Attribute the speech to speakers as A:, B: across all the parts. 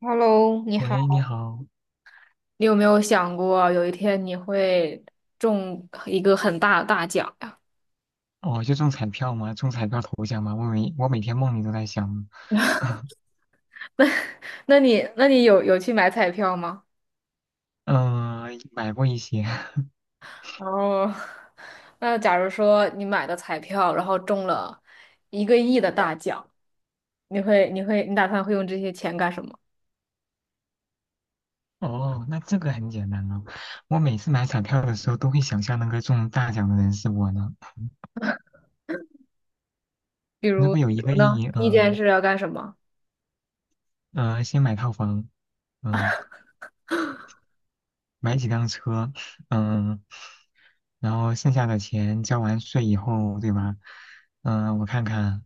A: Hello，你
B: 喂，你
A: 好。
B: 好。
A: 你有没有想过有一天你会中一个很大的大奖呀？
B: 哦，就中彩票吗？中彩票头奖吗？我每天梦里都在想，
A: 那你有去买彩票吗？
B: 嗯，买过一些，
A: 哦，那假如说你买的彩票，然后中了一个亿的大奖，你打算会用这些钱干什么？
B: 哦，那这个很简单了。我每次买彩票的时候都会想象那个中大奖的人是我呢。
A: 比
B: 如
A: 如，
B: 果
A: 比
B: 有一
A: 如
B: 个
A: 呢？
B: 亿，
A: 第一件事要干什么？
B: 先买套房，嗯、买几辆车，嗯、然后剩下的钱交完税以后，对吧？我看看。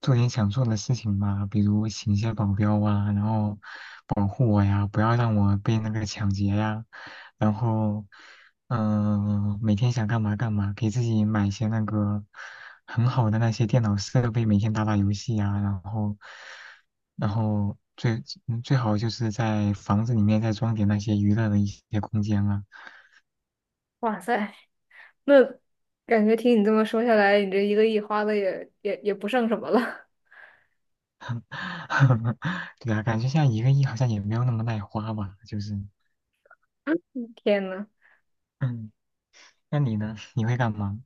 B: 做点想做的事情吧，比如请一些保镖啊，然后保护我呀，不要让我被那个抢劫呀。然后，每天想干嘛干嘛，给自己买一些那个很好的那些电脑设备，每天打打游戏呀。然后最好就是在房子里面再装点那些娱乐的一些空间啊。
A: 哇塞 那感觉听你这么说下来，你这一个亿花的也不剩什么了。
B: 对啊，感觉现在一个亿好像也没有那么耐花吧，就是，
A: 天呐！
B: 嗯，那你呢？你会干嘛？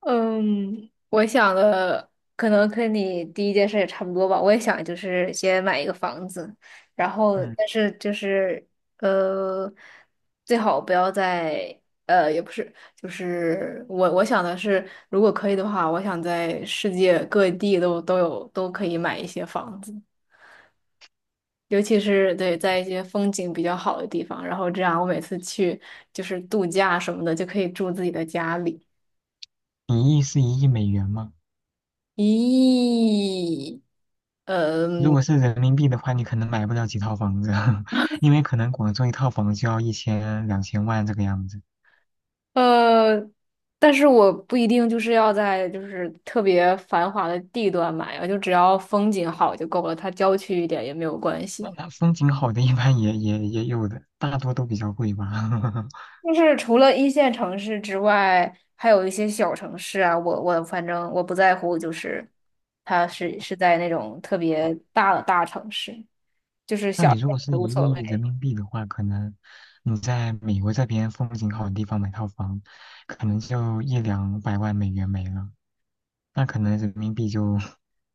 A: 嗯，我想的可能跟你第一件事也差不多吧。我也想就是先买一个房子，然后
B: 嗯。
A: 但是就是呃，最好不要在也不是，就是我想的是，如果可以的话，我想在世界各地都可以买一些房子，尤其是对在一些风景比较好的地方，然后这样我每次去就是度假什么的就可以住自己的家里。
B: 一亿是一亿美元吗？
A: 咦，
B: 如
A: 嗯
B: 果是人民币的话，你可能买不了几套房子啊，因为可能广州一套房就要一千两千万这个样子。
A: 呃，但是我不一定就是要在就是特别繁华的地段买啊，就只要风景好就够了，它郊区一点也没有关
B: 那
A: 系。
B: 那风景好的，一般也有的，大多都比较贵吧。
A: 就是除了一线城市之外，还有一些小城市啊，我反正我不在乎，就是它是在那种特别大的大城市，就是
B: 那
A: 小
B: 你
A: 一
B: 如
A: 点
B: 果是
A: 也无
B: 一
A: 所谓
B: 亿人民币的话，可能你在美国这边风景好的地方买套房，可能就一两百万美元没了，那可能人民币就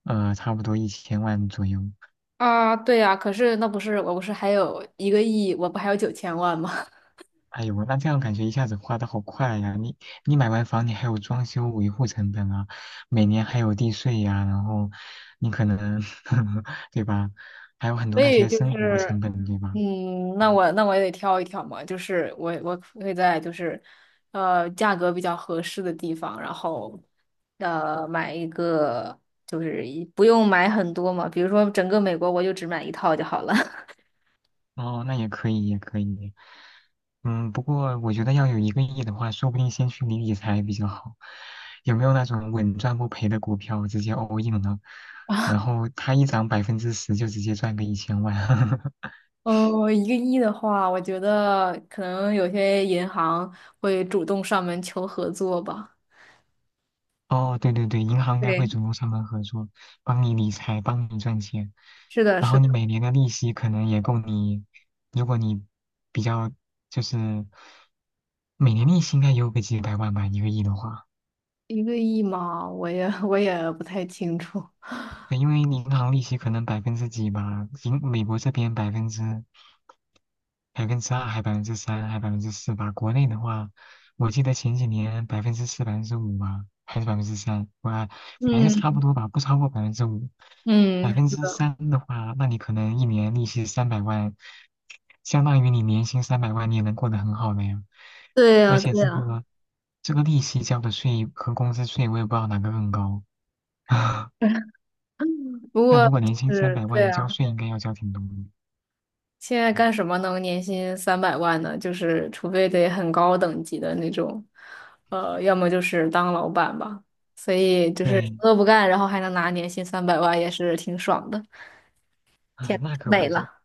B: 差不多一千万左右。
A: 啊。对呀，可是那不是我不是还有一个亿，我不还有9000万吗？
B: 哎呦，那这样感觉一下子花的好快呀！你买完房，你还有装修维护成本啊，每年还有地税呀，然后你可能 对吧，还有很多
A: 所
B: 那
A: 以
B: 些
A: 就
B: 生活
A: 是，
B: 成本，对吧？
A: 那
B: 嗯
A: 我那我也得挑一挑嘛，就是我会在就是，价格比较合适的地方，然后，买一个就是不用买很多嘛，比如说整个美国我就只买一套就好了。
B: 哦，那也可以，也可以。不过我觉得要有一个亿的话，说不定先去理理财比较好。有没有那种稳赚不赔的股票直接 all in 了，然后它一涨百分之十就直接赚个一千万？
A: 嗯，一个亿的话，我觉得可能有些银行会主动上门求合作吧。
B: 哦，对对对，银行应该
A: 对，
B: 会主动上门合作，帮你理财，帮你赚钱。
A: 是的，
B: 然
A: 是
B: 后
A: 的，
B: 你每年的利息可能也够你，如果你比较就是每年利息应该也有个几百万吧，一个亿的话。
A: 一个亿嘛，我也不太清楚。
B: 对，因为银行利息可能百分之几吧，美国这边百分之二还百分之三还百分之四吧。国内的话，我记得前几年百分之四、百分之五吧，还是百分之三，我反正就差不
A: 嗯
B: 多吧，不超过百分之五。百
A: 嗯，
B: 分之三的话，那你可能一年利息三百万，相当于你年薪三百万，你也能过得很好了呀。
A: 对
B: 而
A: 呀，
B: 且
A: 对
B: 这
A: 呀。
B: 个这个利息交的税和工资税，我也不知道哪个更高。
A: 不
B: 但
A: 过
B: 如果年
A: 就
B: 薪三
A: 是
B: 百
A: 对
B: 万，交
A: 啊，
B: 税应该要交挺多的。
A: 现在
B: 嗯
A: 干什么能年薪三百万呢？就是除非得很高等级的那种，要么就是当老板吧。所以就是什
B: 对，
A: 么都不干，然后还能拿年薪三百万，也是挺爽的。
B: 啊，
A: 天，
B: 那可
A: 美
B: 不止。
A: 了！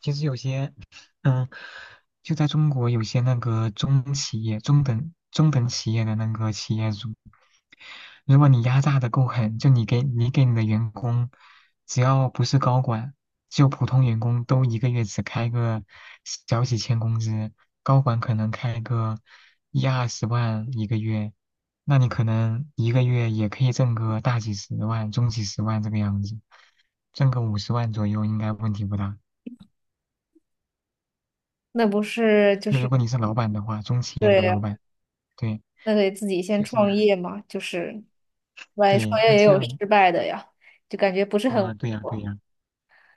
B: 其实有些，嗯，就在中国有些那个中企业、中等企业的那个企业主，如果你压榨的够狠，就你给你的员工，只要不是高管，就普通员工都一个月只开个小几千工资，高管可能开个10-20万一个月，那你可能一个月也可以挣个大几十万、中几十万这个样子，挣个50万左右应该问题不大。
A: 那不是就
B: 就如
A: 是
B: 果你是老板的话，中企业
A: 对
B: 的
A: 呀
B: 老板，对，
A: 那得自己先
B: 就是
A: 创业嘛，就是万一创
B: 对，那
A: 业也
B: 这
A: 有
B: 样，
A: 失败的呀，就感觉不是很稳
B: 啊，对呀，对
A: 妥
B: 呀，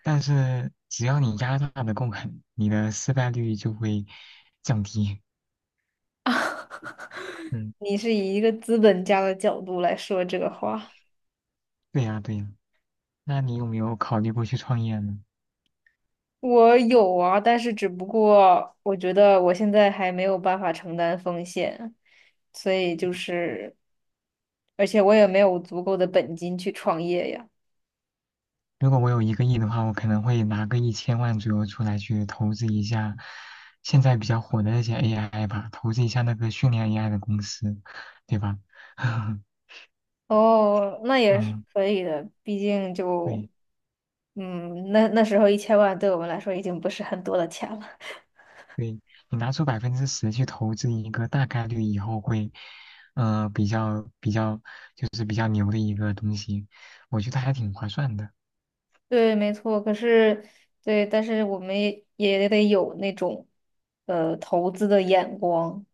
B: 但是只要你压榨的够狠，你的失败率就会降低。嗯，
A: 你是以一个资本家的角度来说这个话。
B: 对呀，对呀，那你有没有考虑过去创业呢？
A: 我有啊，但是只不过我觉得我现在还没有办法承担风险，所以就是，而且我也没有足够的本金去创业呀。
B: 如果我有一个亿的话，我可能会拿个一千万左右出来去投资一下现在比较火的那些 AI 吧，投资一下那个训练 AI 的公司，对吧？
A: 哦，那也是
B: 嗯，
A: 可以的，毕竟就，
B: 对。
A: 那时候一千万对我们来说已经不是很多的钱了。
B: 对，你拿出百分之十去投资一个大概率以后会，比较就是比较牛的一个东西，我觉得还挺划算的。
A: 对，没错。可是，对，但是我们也得有那种，投资的眼光。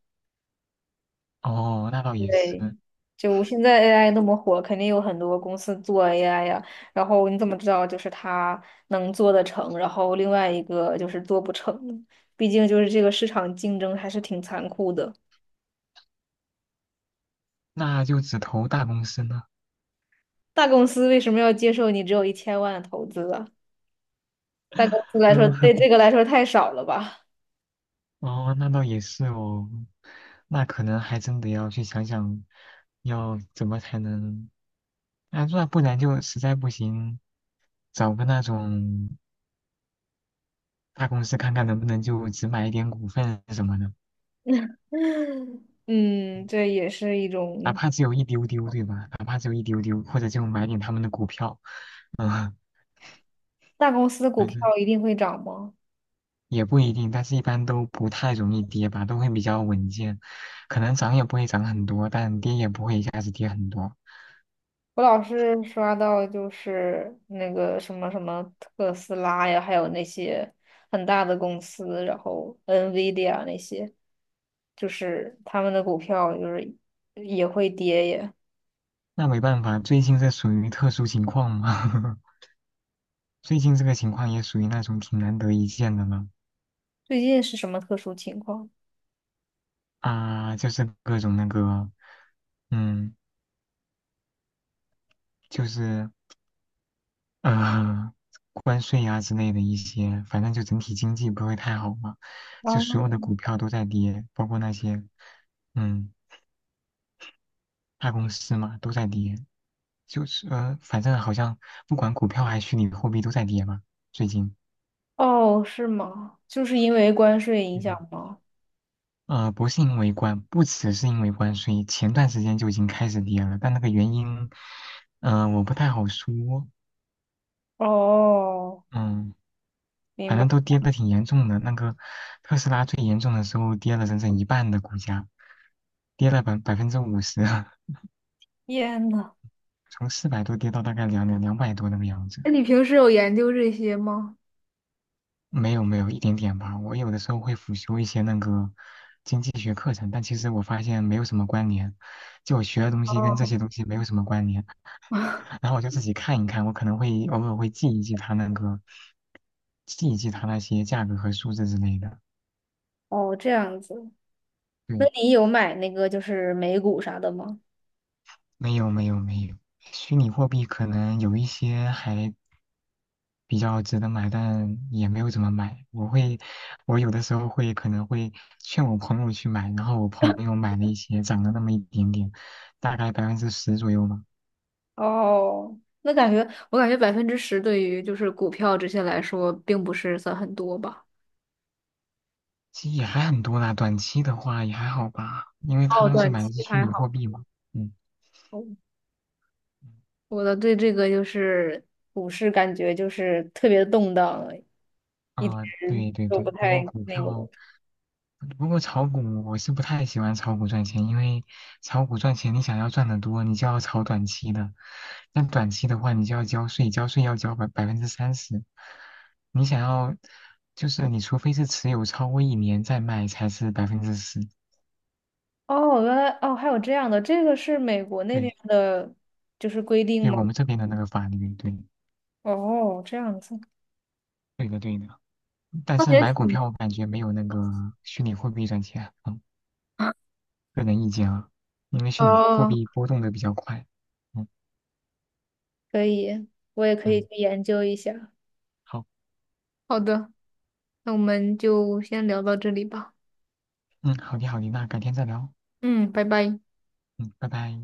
B: 哦，那倒也是。
A: 对，就现在 AI 那么火，肯定有很多公司做 AI 呀。然后你怎么知道就是它能做得成，然后另外一个就是做不成呢？毕竟就是这个市场竞争还是挺残酷的。
B: 那就只投大公司呢。
A: 大公司为什么要接受你只有一千万的投资啊？大公司来说，
B: 嗯，
A: 对这 个来说太少了吧？
B: 哦，那倒也是哦。那可能还真得要去想想，要怎么才能，那不然就实在不行，找个那种大公司看看能不能就只买一点股份什么的。
A: 嗯，这也是一
B: 哪
A: 种。
B: 怕只有一丢丢，对吧？哪怕只有一丢丢，或者就买点他们的股票。嗯，
A: 大公司的 股
B: 反
A: 票
B: 正
A: 一定会涨吗？
B: 也不一定，但是一般都不太容易跌吧，都会比较稳健，可能涨也不会涨很多，但跌也不会一下子跌很多。
A: 我老是刷到就是那个什么什么特斯拉呀，还有那些很大的公司，然后 NVIDIA 那些，就是他们的股票就是也会跌耶。
B: 那没办法，最近这属于特殊情况嘛，最近这个情况也属于那种挺难得一见的了。
A: 最近是什么特殊情况？
B: 啊，就是各种那个，嗯，就是呃，关税啊之类的一些，反正就整体经济不会太好嘛，就
A: 哦，
B: 所有的股票都在跌，包括那些，嗯，大公司嘛都在跌。就是反正好像不管股票还是虚拟货币都在跌嘛，最近。
A: 哦，是吗？就是因为关税影
B: 嗯
A: 响吗？
B: 不是因为关，不只是因为关税，前段时间就已经开始跌了。但那个原因，我不太好说。
A: 哦，
B: 嗯。
A: 明
B: 反
A: 白。
B: 正都跌得挺严重的。那个特斯拉最严重的时候跌了整整一半的股价，跌了百分之五十，
A: 天呐，
B: 从400多跌到大概两百多那个样子。
A: 那你平时有研究这些吗？
B: 没有没有，一点点吧。我有的时候会辅修一些那个经济学课程，但其实我发现没有什么关联，就我学的东西跟这
A: 哦，
B: 些东西没有什么关联。然后我就自己看一看，我可能会偶尔会记一记它那个，记一记它那些价格和数字之类的。
A: 哦，这样子。那
B: 对，
A: 你有买那个就是美股啥的吗？
B: 没有没有没有，虚拟货币可能有一些还比较值得买，但也没有怎么买。我有的时候会可能会劝我朋友去买，然后我朋友买了一些，涨了那么一点点，大概百分之十左右嘛，
A: 哦，那感觉我感觉10%对于就是股票这些来说，并不是算很多吧。
B: 其实也还很多啦。短期的话也还好吧，因为他
A: 哦，
B: 当时
A: 短
B: 买的
A: 期
B: 是虚
A: 还
B: 拟货
A: 好。
B: 币嘛。嗯，
A: 哦我的对这个就是股市感觉就是特别动荡，
B: 啊，
A: 人
B: 对对
A: 都
B: 对，
A: 不
B: 不过
A: 太
B: 股
A: 那个。
B: 票。不过炒股我是不太喜欢炒股赚钱，因为炒股赚钱，你想要赚得多，你就要炒短期的。但短期的话，你就要交税，交税要交百分之三十。你想要，就是你除非是持有超过一年再卖，才是百分之十。
A: 哦，原来哦还有这样的，这个是美国那边
B: 对，
A: 的，就是规定
B: 对
A: 吗？
B: 我们这边的那个法律。对，
A: 哦，这样子，
B: 对的，对的。但
A: 那
B: 是
A: 也
B: 买股
A: 挺
B: 票，我感觉没有那个虚拟货币赚钱。嗯，个人意见啊，因为虚拟货
A: 哦，
B: 币波动的比较快。嗯
A: 可以，我也可以去
B: 嗯，
A: 研究一下。
B: 好，
A: 好的，那我们就先聊到这里吧。
B: 嗯，好的好的，那改天再聊。
A: 嗯，拜拜。
B: 嗯，拜拜。